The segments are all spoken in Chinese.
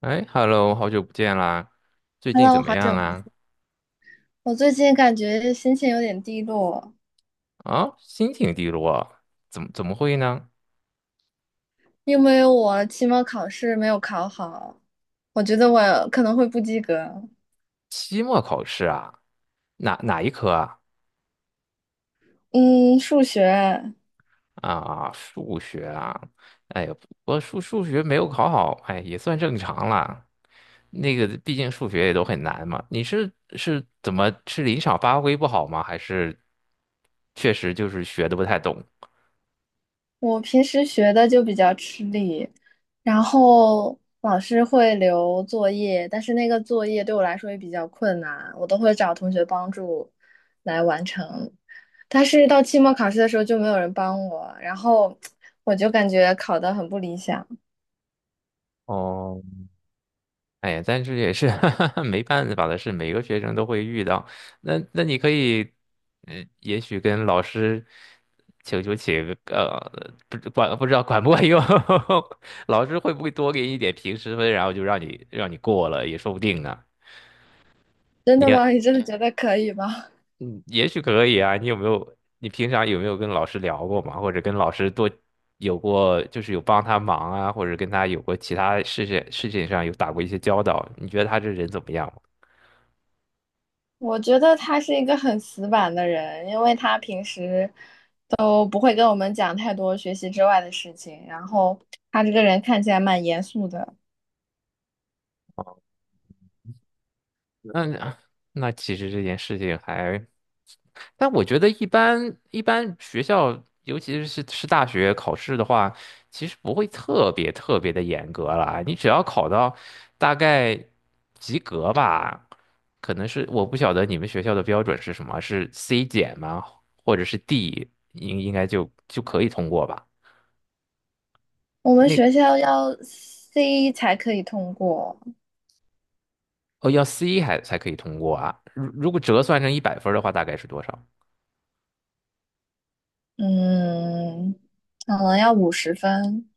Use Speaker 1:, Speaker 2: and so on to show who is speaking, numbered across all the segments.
Speaker 1: 哎，Hello，好久不见啦！最近
Speaker 2: Hello，
Speaker 1: 怎么
Speaker 2: 好
Speaker 1: 样
Speaker 2: 久不
Speaker 1: 啊？
Speaker 2: 见。我最近感觉心情有点低落，
Speaker 1: 啊，心情低落啊，怎么会呢？
Speaker 2: 因为我期末考试没有考好，我觉得我可能会不及格。
Speaker 1: 期末考试啊，哪一科啊？
Speaker 2: 嗯，数学
Speaker 1: 啊，数学啊，哎呀，我数学没有考好，哎，也算正常啦。那个，毕竟数学也都很难嘛。你是是怎么是临场发挥不好吗？还是确实就是学的不太懂？
Speaker 2: 我平时学的就比较吃力，然后老师会留作业，但是那个作业对我来说也比较困难，我都会找同学帮助来完成。但是到期末考试的时候就没有人帮我，然后我就感觉考得很不理想。
Speaker 1: 哦。哎呀，但是也是 没办法的事，每个学生都会遇到。那你可以，嗯，也许跟老师请个,不知道管不管用，老师会不会多给你一点平时分，然后就让你过了，也说不定呢。
Speaker 2: 真
Speaker 1: 你
Speaker 2: 的
Speaker 1: 也，
Speaker 2: 吗？你真的觉得可以吗？
Speaker 1: 嗯，也许可以啊。你有没有？你平常有没有跟老师聊过嘛？或者跟老师多有过，就是有帮他忙啊，或者跟他有过其他事情上有打过一些交道？你觉得他这人怎么样？
Speaker 2: 我觉得他是一个很死板的人，因为他平时都不会跟我们讲太多学习之外的事情，然后他这个人看起来蛮严肃的。
Speaker 1: 那其实这件事情还，但我觉得一般学校，尤其是大学考试的话，其实不会特别的严格啦。你只要考到大概及格吧，可能是我不晓得你们学校的标准是什么，是 C 减吗？或者是 D，应该就可以通过吧？
Speaker 2: 我们
Speaker 1: 那
Speaker 2: 学校要 C 才可以通过，
Speaker 1: 哦要 C 还才可以通过啊。如果折算成一百分儿的话，大概是多少？
Speaker 2: 嗯，可能要50分，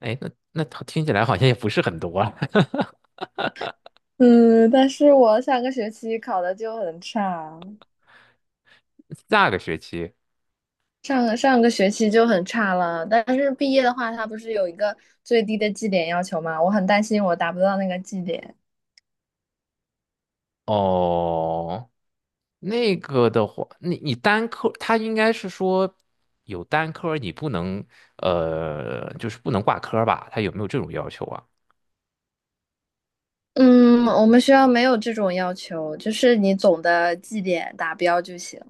Speaker 1: 哎，那听起来好像也不是很多啊。
Speaker 2: 嗯，但是我上个学期考的就很差，
Speaker 1: 下个学期。
Speaker 2: 上个学期就很差了，但是毕业的话，它不是有一个最低的绩点要求吗？我很担心我达不到那个绩点。
Speaker 1: 哦，那个的话，你单科，他应该是说有单科，你不能呃，就是不能挂科吧？他有没有这种要求啊？
Speaker 2: 嗯，我们学校没有这种要求，就是你总的绩点达标就行。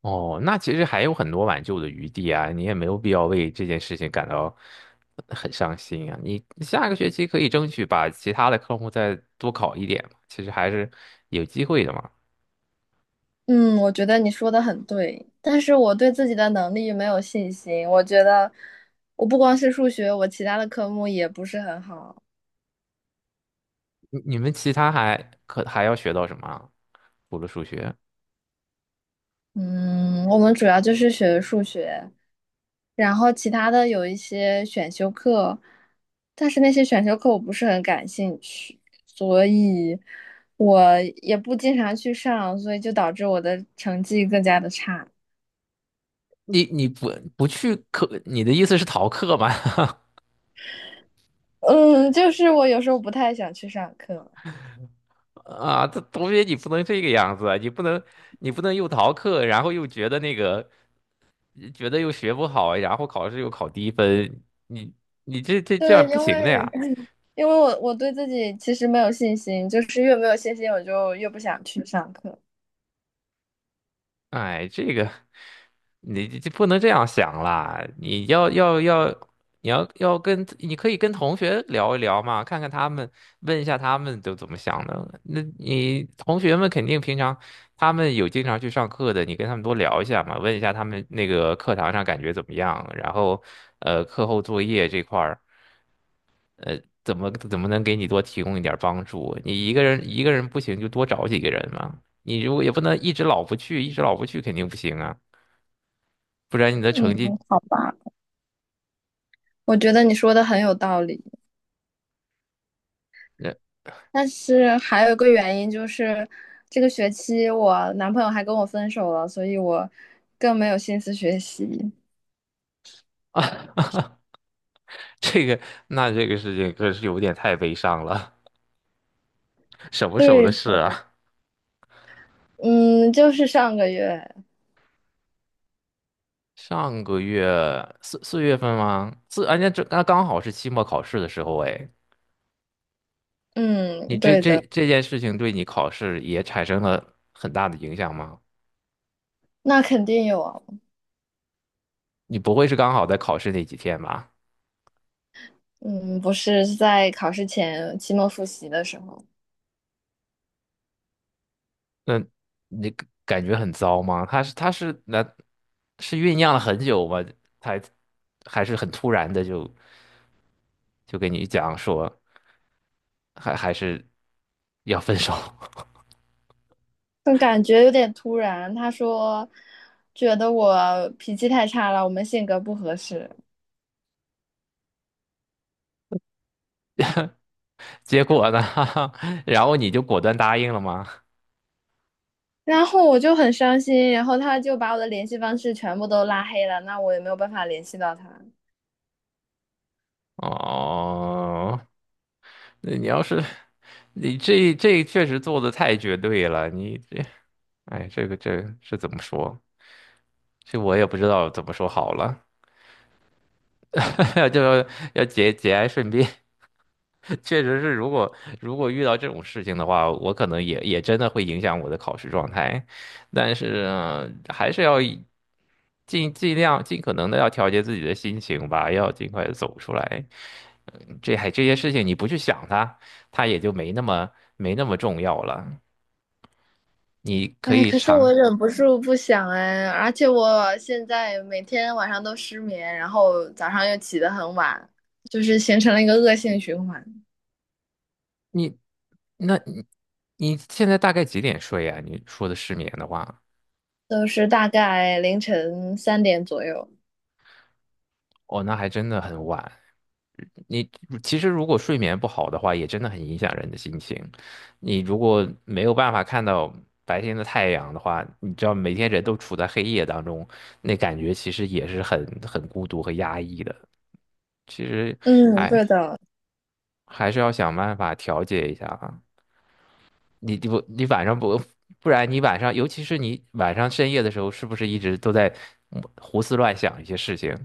Speaker 1: 哦，那其实还有很多挽救的余地啊，你也没有必要为这件事情感到很伤心啊。你下个学期可以争取把其他的科目再多考一点嘛，其实还是有机会的嘛。
Speaker 2: 嗯，我觉得你说的很对，但是我对自己的能力没有信心。我觉得我不光是数学，我其他的科目也不是很好。
Speaker 1: 你们其他还要学到什么啊除了数学？
Speaker 2: 嗯，我们主要就是学数学。然后其他的有一些选修课，但是那些选修课我不是很感兴趣，所以我也不经常去上，所以就导致我的成绩更加的差。
Speaker 1: 你不去课，你的意思是逃课吗？
Speaker 2: 嗯，就是我有时候不太想去上课，
Speaker 1: 啊，这同学你不能这个样子啊，你不能又逃课，然后又觉得那个觉得又学不好，然后考试又考低分，你你这样
Speaker 2: 对，
Speaker 1: 不
Speaker 2: 因
Speaker 1: 行的
Speaker 2: 为
Speaker 1: 呀。
Speaker 2: 因为我对自己其实没有信心，就是越没有信心，我就越不想去上课。
Speaker 1: 哎，这个你这不能这样想啦，你要要要，你要要跟你可以跟同学聊一聊嘛，看看他们，问一下他们都怎么想的。那你同学们肯定平常他们有经常去上课的，你跟他们多聊一下嘛，问一下他们那个课堂上感觉怎么样，然后呃课后作业这块儿怎么能给你多提供一点儿帮助？你一个人不行就多找几个人嘛，你如果也不能一直老不去，一直老不去肯定不行啊。不然你的
Speaker 2: 嗯，
Speaker 1: 成绩，
Speaker 2: 好吧，我觉得你说的很有道理。
Speaker 1: 那
Speaker 2: 但是还有一个原因就是，这个学期我男朋友还跟我分手了，所以我更没有心思学习。
Speaker 1: 这个那这个事情可是有点太悲伤了，什么时候的
Speaker 2: 对，
Speaker 1: 事啊？
Speaker 2: 嗯，就是上个月，
Speaker 1: 上个月四月份吗？四，而且这那刚好是期末考试的时候，哎，你
Speaker 2: 嗯，
Speaker 1: 这
Speaker 2: 对
Speaker 1: 这
Speaker 2: 的，
Speaker 1: 这件事情对你考试也产生了很大的影响吗？
Speaker 2: 那肯定有啊，
Speaker 1: 你不会是刚好在考试那几天吧？
Speaker 2: 嗯，不是在考试前期末复习的时候，
Speaker 1: 那你感觉很糟吗？他是那是酝酿了很久吗？才还是很突然的就就跟你讲说还是要分手，
Speaker 2: 但感觉有点突然。他说，觉得我脾气太差了，我们性格不合适。
Speaker 1: 结果呢，然后你就果断答应了吗？
Speaker 2: 然后我就很伤心，然后他就把我的联系方式全部都拉黑了，那我也没有办法联系到他。
Speaker 1: 哦，那你要是你这确实做的太绝对了，你这哎这个这是怎么说？这我也不知道怎么说好了，就要要节哀顺变。确实是，如果遇到这种事情的话，我可能也真的会影响我的考试状态，但是呃还是要以尽量尽可能的要调节自己的心情吧，要尽快的走出来。这些事情你不去想它，它也就没那么重要了。你可
Speaker 2: 哎，
Speaker 1: 以
Speaker 2: 可是我
Speaker 1: 尝
Speaker 2: 忍不住不想哎，而且我现在每天晚上都失眠，然后早上又起得很晚，就是形成了一个恶性循环，
Speaker 1: 你，那你你现在大概几点睡啊？你说的失眠的话。
Speaker 2: 都是大概凌晨3点左右。
Speaker 1: 哦，那还真的很晚。你其实如果睡眠不好的话，也真的很影响人的心情。你如果没有办法看到白天的太阳的话，你知道每天人都处在黑夜当中，那感觉其实也是很孤独和压抑的。其实
Speaker 2: 嗯，
Speaker 1: 还
Speaker 2: 对的，
Speaker 1: 还是要想办法调节一下啊。你晚上不不然你晚上，尤其是你晚上深夜的时候，是不是一直都在胡思乱想一些事情？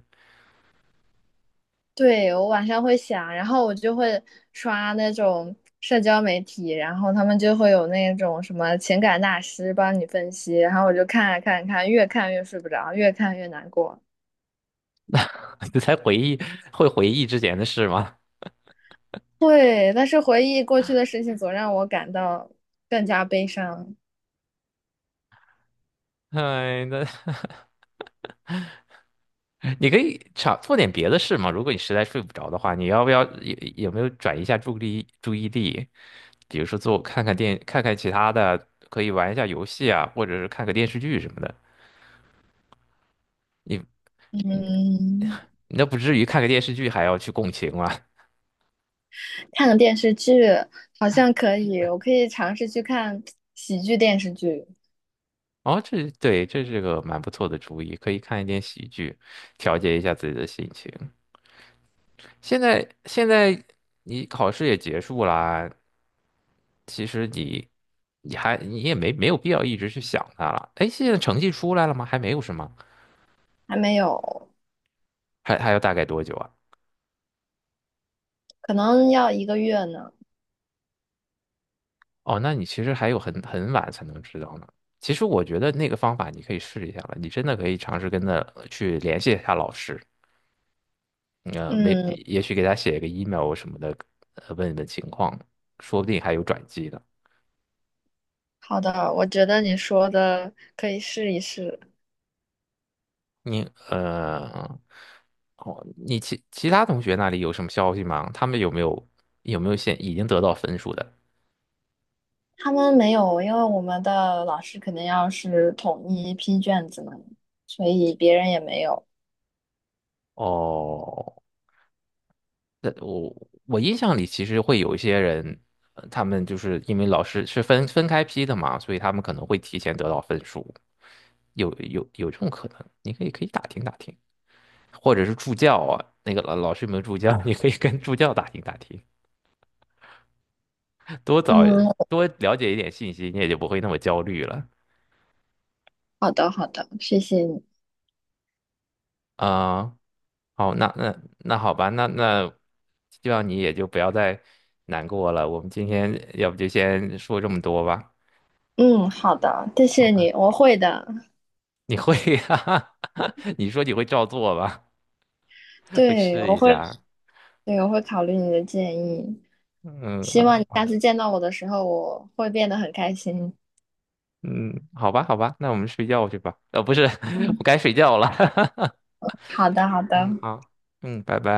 Speaker 2: 对，我晚上会想，然后我就会刷那种社交媒体，然后他们就会有那种什么情感大师帮你分析，然后我就看啊看啊看啊，越看越睡不着，越看越难过。
Speaker 1: 你在回忆会回忆之前的事吗？
Speaker 2: 对，但是回忆过去的事情总让我感到更加悲伤。
Speaker 1: 哎，那 你可以尝做点别的事嘛。如果你实在睡不着的话，你要不要有没有转移一下注意力？比如说做看看其他的，可以玩一下游戏啊，或者是看个电视剧什么的。你
Speaker 2: 嗯，
Speaker 1: 那不至于看个电视剧还要去共情嘛？
Speaker 2: 看个电视剧好像可以，我可以尝试去看喜剧电视剧，
Speaker 1: 哦，这对，这是个蛮不错的主意，可以看一点喜剧，调节一下自己的心情。现在你考试也结束啦，其实你你也没有必要一直去想它了。哎，现在成绩出来了吗？还没有是吗？
Speaker 2: 还没有，
Speaker 1: 还要大概多久啊？
Speaker 2: 可能要一个月呢。
Speaker 1: 哦，那你其实还有很晚才能知道呢。其实我觉得那个方法你可以试一下了，你真的可以尝试跟他去联系一下老师，呃，没
Speaker 2: 嗯，
Speaker 1: 也许给他写一个 email 什么的，呃，问一问情况，说不定还有转机呢。
Speaker 2: 好的，我觉得你说的可以试一试。
Speaker 1: 你呃，哦，你其他同学那里有什么消息吗？他们有没有有没有现已经得到分数的？
Speaker 2: 他们没有，因为我们的老师肯定要是统一批卷子嘛，所以别人也没有。
Speaker 1: 哦，那我我印象里其实会有一些人，呃他们就是因为老师是分开批的嘛，所以他们可能会提前得到分数，有这种可能，你可以打听打听，或者是助教啊，那个老师有没有助教，你可以跟助教打听打听，多找
Speaker 2: 嗯，
Speaker 1: 多了解一点信息，你也就不会那么焦虑了
Speaker 2: 好的，好的，谢谢你。
Speaker 1: 啊。好，那好吧,希望你也就不要再难过了。我们今天要不就先说这么多吧。
Speaker 2: 嗯，好的，谢
Speaker 1: 好
Speaker 2: 谢你，
Speaker 1: 吧。
Speaker 2: 我会的。
Speaker 1: 你会呀、你说你会照做吧？会
Speaker 2: 对，
Speaker 1: 试
Speaker 2: 我
Speaker 1: 一
Speaker 2: 会，
Speaker 1: 下。
Speaker 2: 对，我会考虑你的建议。
Speaker 1: 嗯
Speaker 2: 希望你下
Speaker 1: 啊
Speaker 2: 次见到我的时候，我会变得很开心。
Speaker 1: 嗯，好吧，那我们睡觉去吧。呃，不是，我
Speaker 2: 嗯，
Speaker 1: 该睡觉了。
Speaker 2: 好的，好的。
Speaker 1: 嗯，好，嗯，拜拜。